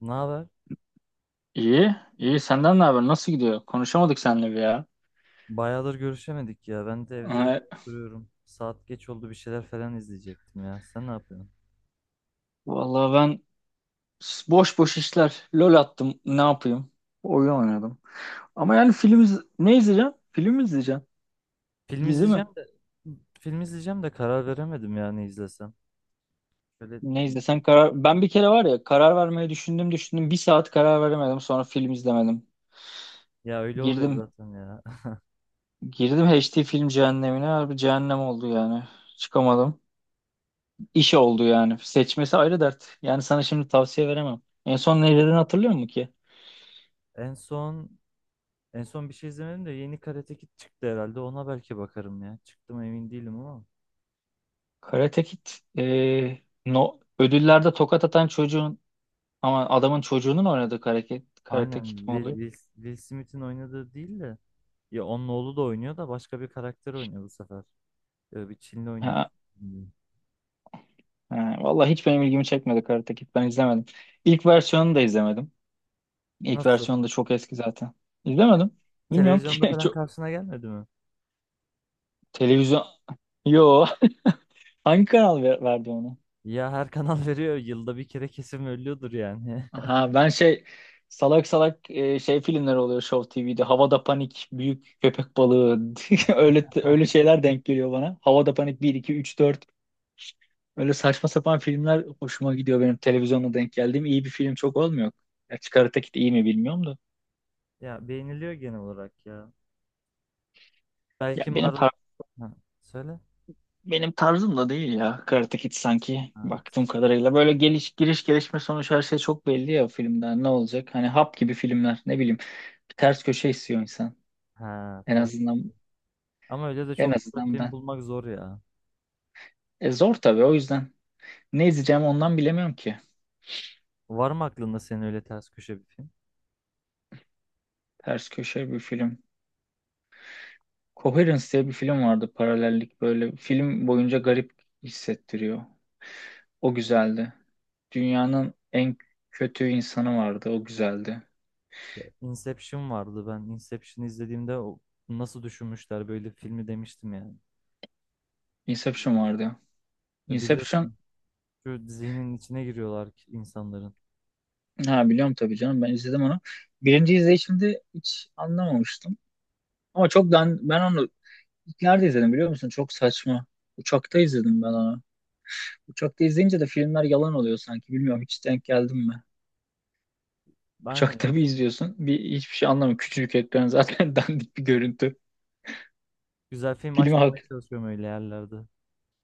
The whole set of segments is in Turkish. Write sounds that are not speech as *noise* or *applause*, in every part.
Ne haber? İyi, iyi. Senden ne haber? Nasıl gidiyor? Konuşamadık seninle bir ya. Bayağıdır görüşemedik ya. Ben de evde öyle Ee, duruyorum. Saat geç oldu, bir şeyler falan izleyecektim ya. Sen ne yapıyorsun? vallahi ben boş boş işler. LOL attım. Ne yapayım? Oyun oynadım. Ama yani film ne izleyeceğim? Film mi izleyeceğim? Film Dizi mi? izleyeceğim de Film izleyeceğim de karar veremedim ya ne izlesem. Şöyle Ne izlesen karar... Ben bir kere var ya karar vermeyi düşündüm düşündüm. Bir saat karar veremedim. Sonra film izlemedim. Ya öyle oluyor Girdim zaten ya. *laughs* girdim HD film cehennemine. Harbi cehennem oldu yani. Çıkamadım. İş oldu yani. Seçmesi ayrı dert. Yani sana şimdi tavsiye veremem. En son ne izlediğini hatırlıyor musun ki? En son en son bir şey izlemedim de yeni Karate Kid çıktı herhalde. Ona belki bakarım ya. Çıktı mı emin değilim ama. Karate Kid e, no, ödüllerde tokat atan çocuğun ama adamın çocuğunun oynadığı Karate Kid Aynen, mi Will, oluyor? Will, Will Smith'in oynadığı değil de ya onun oğlu da oynuyor da başka bir karakter oynuyor bu sefer. Bir Çinli oynuyor. Ha, ha, vallahi hiç benim ilgimi çekmedi Karate Kid. Ben izlemedim. İlk versiyonunu da izlemedim. İlk Nasıl? versiyonu da çok eski zaten. İzlemedim. Bilmiyorum Televizyonda ki. *laughs* falan karşısına gelmedi mi? televizyon. Yo. *laughs* Hangi kanal verdi onu? Ya her kanal *laughs* veriyor. Yılda bir kere kesin ölüyordur yani. *laughs* Aha, ben şey salak salak şey filmler oluyor Show TV'de. Havada Panik, Büyük Köpek Balığı. *laughs* Öyle öyle şeyler denk geliyor bana. Havada Panik bir 2 3 dört. Öyle saçma sapan filmler hoşuma gidiyor benim televizyonda denk geldiğim. İyi bir film çok olmuyor. Ya Karate Kid iyi mi bilmiyorum da. Ya beğeniliyor genel olarak ya. Ya Belki benim Marvel... tar Ha, söyle. benim tarzım da değil ya Karate Kid sanki Ha, baktığım kadarıyla. Böyle geliş giriş gelişme sonuç her şey çok belli ya filmden ne olacak? Hani hap gibi filmler ne bileyim. Bir ters köşe istiyor insan. ha, En ters. azından Ama öyle de en çok güzel azından film ben. bulmak zor ya. E zor tabii o yüzden. Ne izleyeceğim ondan bilemiyorum ki. Var mı aklında senin öyle ters köşe bir film? Ters köşe bir film. Coherence diye bir film vardı, paralellik, böyle film boyunca garip hissettiriyor. O güzeldi. Dünyanın en kötü insanı vardı. O güzeldi. Ya, Inception vardı. Ben Inception'ı izlediğimde nasıl düşünmüşler böyle filmi demiştim yani. Ya Inception vardı. E, Inception, biliyorsun şu zihnin içine giriyorlar ki insanların. ha biliyorum tabii canım, ben izledim onu. Birinci izleyişimde hiç anlamamıştım. Ama çok ben onu ilk nerede izledim biliyor musun? Çok saçma. Uçakta izledim ben onu. Uçakta izleyince de filmler yalan oluyor sanki. Bilmiyorum hiç denk geldim mi? Aynen. Uçakta bir izliyorsun. Bir hiçbir şey anlamıyor. Küçücük ekran, zaten *laughs* dandik bir görüntü. Güzel film Filmi açmamaya hak. *laughs* çalışıyorum öyle yerlerde.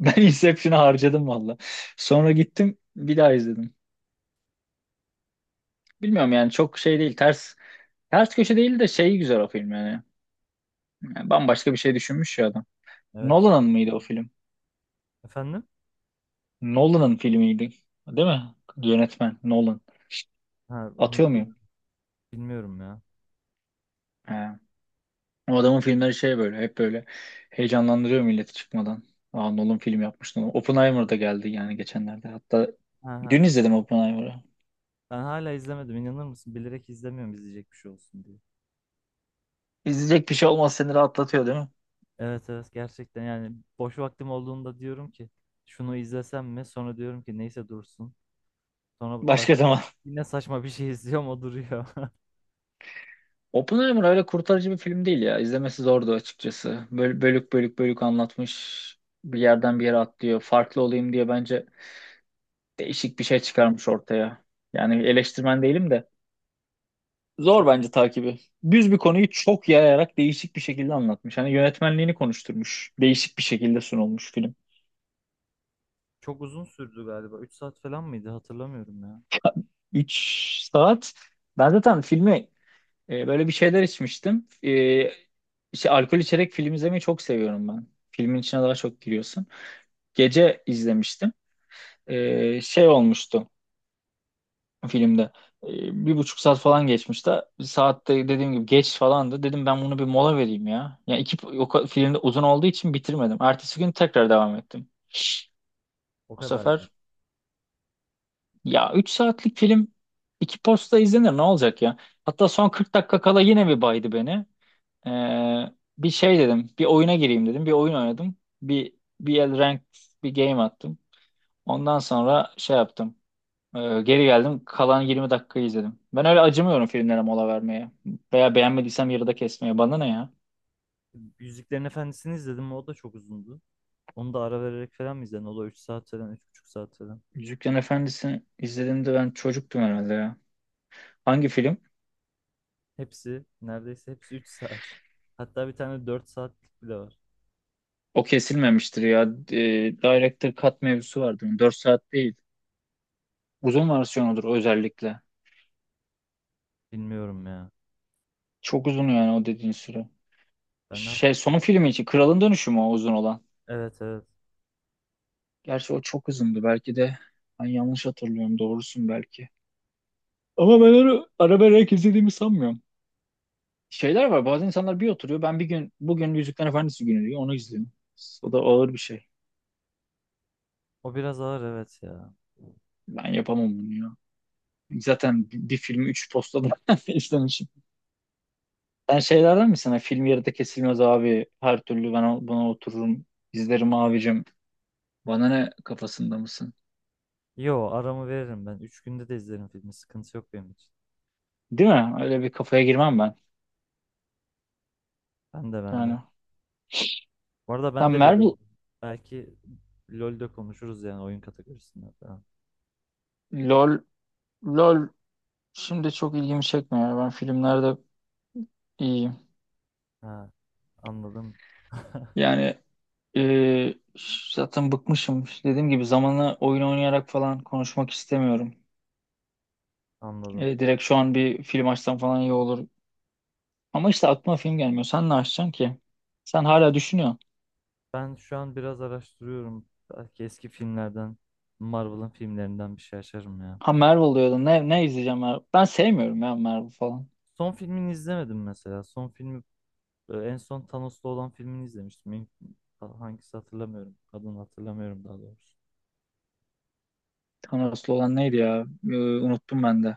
Ben Inception'ı harcadım valla. Sonra gittim bir daha izledim. Bilmiyorum yani çok şey değil, ters köşe değil de şey, güzel o film yani. Yani bambaşka bir şey düşünmüş ya adam. Evet. Nolan'ın mıydı o film? Efendim? Nolan'ın filmiydi. Değil mi? Yönetmen Nolan. Ha, onu Atıyor muyum? bilmiyorum ya. He. O adamın filmleri şey, böyle hep böyle heyecanlandırıyor milleti çıkmadan. Aa, Nolan film yapmış. Nolan. Oppenheimer da geldi yani geçenlerde. Hatta Ha, ha. dün izledim Oppenheimer'ı. Ben hala izlemedim, inanır mısın? Bilerek izlemiyorum, izleyecek bir şey olsun diye. İzleyecek bir şey olmaz seni rahatlatıyor değil mi? Evet, evet, gerçekten yani boş vaktim olduğunda diyorum ki şunu izlesem mi? Sonra diyorum ki neyse dursun. Sonra baş... Başka zaman. Yine saçma bir şey *laughs* izliyorum, o duruyor. *laughs* Oppenheimer öyle kurtarıcı bir film değil ya. İzlemesi zordu açıkçası. Böyle bölük bölük anlatmış. Bir yerden bir yere atlıyor. Farklı olayım diye bence değişik bir şey çıkarmış ortaya. Yani eleştirmen değilim de. Zor Çok bence takibi. Düz bir konuyu çok yayarak değişik bir şekilde anlatmış. Hani yönetmenliğini konuşturmuş. Değişik bir şekilde sunulmuş film. çok uzun sürdü galiba. 3 saat falan mıydı? Hatırlamıyorum ya. 3 saat. Ben zaten filmi böyle bir şeyler içmiştim. İşte alkol içerek film izlemeyi çok seviyorum ben. Filmin içine daha çok giriyorsun. Gece izlemiştim. Şey olmuştu filmde. 1,5 saat falan geçmişti. Saatte dediğim gibi geç falandı. Dedim ben bunu bir mola vereyim ya. Yani film de uzun olduğu için bitirmedim. Ertesi gün tekrar devam ettim. O Bu kadar yani. sefer ya 3 saatlik film iki posta izlenir, ne olacak ya? Hatta son 40 dakika kala yine bir baydı beni. Ee, bir şey dedim. Bir oyuna gireyim dedim. Bir oyun oynadım. Bir bir el rank, bir game attım. Ondan sonra şey yaptım. Geri geldim. Kalan 20 dakikayı izledim. Ben öyle acımıyorum filmlere mola vermeye. Veya beğenmediysem yarıda kesmeye. Bana ne ya? Yüzüklerin Efendisi'ni izledim. O da çok uzundu. Onu da ara vererek falan mı izledin? O da 3 saat falan, 3,5 saat falan. Yüzüklerin Efendisi'ni izlediğimde ben çocuktum herhalde ya. Hangi film? Neredeyse hepsi 3 saat. Hatta bir tane 4 saatlik bile var. O kesilmemiştir ya. Ee, Director Cut mevzusu vardı. 4 saat değil. Uzun versiyonudur özellikle. Bilmiyorum ya. Çok uzun yani o dediğin süre. Ben de. Şey, son filmi için Kralın Dönüşü mü o uzun olan? Evet, evet. Gerçi o çok uzundu. Belki de ben yanlış hatırlıyorum. Doğrusun belki. Ama ben onu ara vererek izlediğimi sanmıyorum. Şeyler var. Bazı insanlar bir oturuyor. Ben bir gün bugün Yüzükler Efendisi günü diyor. Onu izliyorum. O da ağır bir şey. O biraz ağır, evet ya. Ben yapamam bunu ya. Zaten bir filmi 3 postada *laughs* izlemişim. Sen şeylerden misin? Hani film yarıda kesilmez abi. Her türlü ben buna otururum. İzlerim abicim. Bana ne kafasında mısın? Yo, aramı veririm ben. 3 günde de izlerim filmi. Sıkıntı yok benim için. Değil mi? Öyle bir kafaya girmem ben. Ben de, ben de. Yani. Bu arada ben Sen de LoL Marvel oynuyorum. Belki LoL'de konuşuruz yani, oyun kategorisinde falan. LOL LOL şimdi çok ilgimi çekmiyor. Ben filmlerde iyiyim. Ha, anladım. *laughs* Yani. Ee, zaten bıkmışım. Dediğim gibi zamanı oyun oynayarak falan konuşmak istemiyorum. Anladım. Direkt şu an bir film açsam falan iyi olur. Ama işte aklıma film gelmiyor. Sen ne açacaksın ki? Sen hala düşünüyorsun. Ben şu an biraz araştırıyorum. Belki eski filmlerden, Marvel'ın filmlerinden bir şey açarım ya. Ha, Marvel diyordun. Ne izleyeceğim Marvel? Ben sevmiyorum ya Marvel falan. Son filmini izlemedim mesela. Son filmi En son Thanos'la olan filmini izlemiştim. Hangisi hatırlamıyorum. Adını hatırlamıyorum daha doğrusu. Thanos'lu olan neydi ya? Unuttum ben de.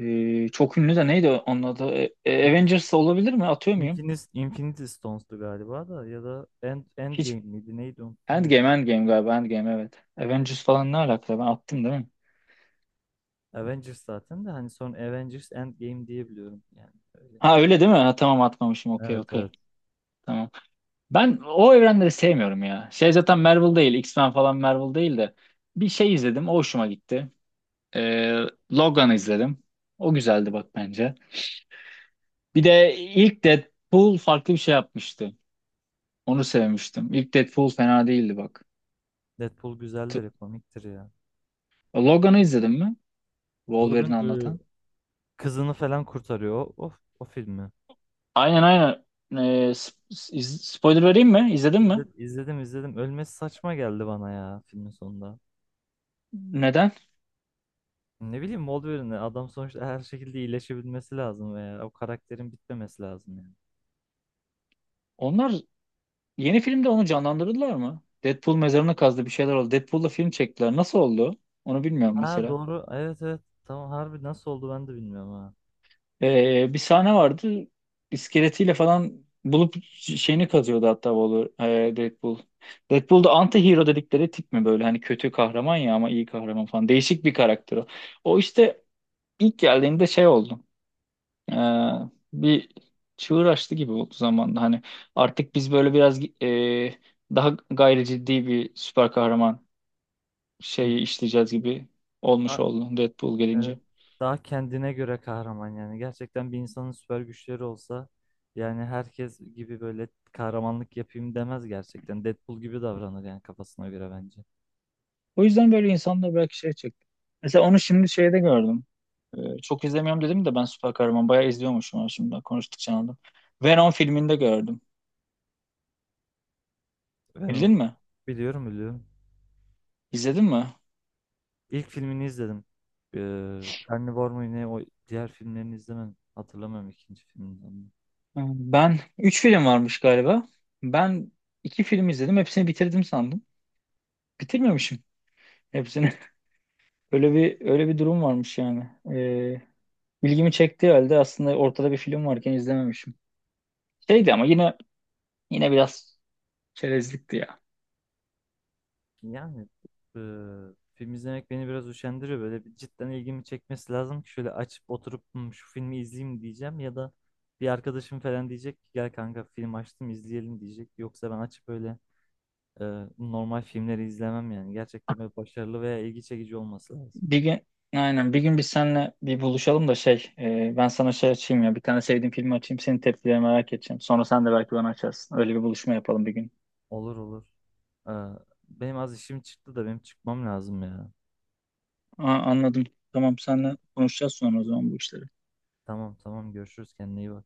Çok ünlü de neydi onun adı? İn- Avengers olabilir mi? Atıyor muyum? Infinity Stones'tu galiba, da ya da End, Hiç. Endgame miydi neydi, unuttum ya. Endgame, Endgame galiba. Endgame evet. Avengers falan ne alaka? Ben attım değil mi? Avengers zaten, de hani son Avengers Endgame diye biliyorum yani, öyle. Ha öyle değil mi? Ha, tamam atmamışım. Okey Evet, okey. evet. Tamam. Ben o evrenleri sevmiyorum ya. Şey, zaten Marvel değil. X-Men falan Marvel değil de. Bir şey izledim. O hoşuma gitti. Ee, Logan'ı izledim. O güzeldi bak bence. Bir de ilk Deadpool farklı bir şey yapmıştı. Onu sevmiştim. İlk Deadpool fena değildi bak. Deadpool T- güzeldir, komiktir ya. Logan'ı izledin mi? Wolverine'i Logan, anlatan. kızını falan kurtarıyor. O filmi. Aynen aynen. Ee, sp- spoiler vereyim mi? İzledin mi? İzledim, izledim, izledim. Ölmesi saçma geldi bana ya, filmin sonunda. Neden? Ne bileyim, Wolverine adam sonuçta, her şekilde iyileşebilmesi lazım veya o karakterin bitmemesi lazım yani. Onlar Yeni filmde onu canlandırdılar mı? Deadpool mezarını kazdı, bir şeyler oldu. Deadpool'la film çektiler. Nasıl oldu? Onu bilmiyorum Ha, mesela. doğru, evet, evet, tamam, harbi nasıl oldu ben de bilmiyorum, ha. Bir sahne vardı. İskeletiyle falan bulup şeyini kazıyordu hatta Wahlberg, Deadpool. Deadpool da anti-hero dedikleri tip mi böyle? Hani kötü kahraman ya ama iyi kahraman falan. Değişik bir karakter o. O işte ilk geldiğinde şey oldu. Ee, bir çığır açtı gibi oldu zamanında. Hani artık biz böyle biraz daha gayri ciddi bir süper kahraman şeyi işleyeceğiz gibi olmuş Ha, oldu Deadpool evet, gelince. daha kendine göre kahraman yani. Gerçekten bir insanın süper güçleri olsa, yani herkes gibi böyle kahramanlık yapayım demez gerçekten. Deadpool gibi davranır yani, kafasına göre, bence. O yüzden böyle insanlar belki şey çekti. Mesela onu şimdi şeyde gördüm. Çok izlemiyorum dedim de ben süper kahraman bayağı izliyormuşum, ha şimdi ben konuştukça anladım. Venom filminde gördüm. Ben Bildin onu mi? biliyorum, biliyorum. İzledin mi? İlk filmini izledim. Carnivore mu ne, o diğer filmlerini izlemedim. Hatırlamıyorum ikinci filmini. Ben 3 film varmış galiba. Ben 2 film izledim. Hepsini bitirdim sandım. Bitirmemişim hepsini. *laughs* Öyle bir durum varmış yani. Ee, ilgimi çektiği halde aslında ortada bir film varken izlememişim. Şeydi ama yine biraz çerezlikti ya. Yani film izlemek beni biraz üşendiriyor. Böyle bir cidden ilgimi çekmesi lazım ki şöyle açıp oturup "Hmm, şu filmi izleyeyim" diyeceğim, ya da bir arkadaşım falan diyecek ki "gel kanka, film açtım, izleyelim" diyecek. Yoksa ben açıp öyle normal filmleri izlemem yani. Gerçekten böyle başarılı veya ilgi çekici olması lazım. Bir gün aynen bir gün biz seninle bir buluşalım da şey, ben sana şey açayım ya, bir tane sevdiğim filmi açayım, senin tepkilerini merak edeceğim. Sonra sen de belki bana açarsın. Öyle bir buluşma yapalım bir gün. Olur, olur. Eee, Benim az işim çıktı da, benim çıkmam lazım ya. Aa, anladım. Tamam, seninle konuşacağız sonra o zaman bu işleri. Tamam, tamam, görüşürüz, kendine iyi bak.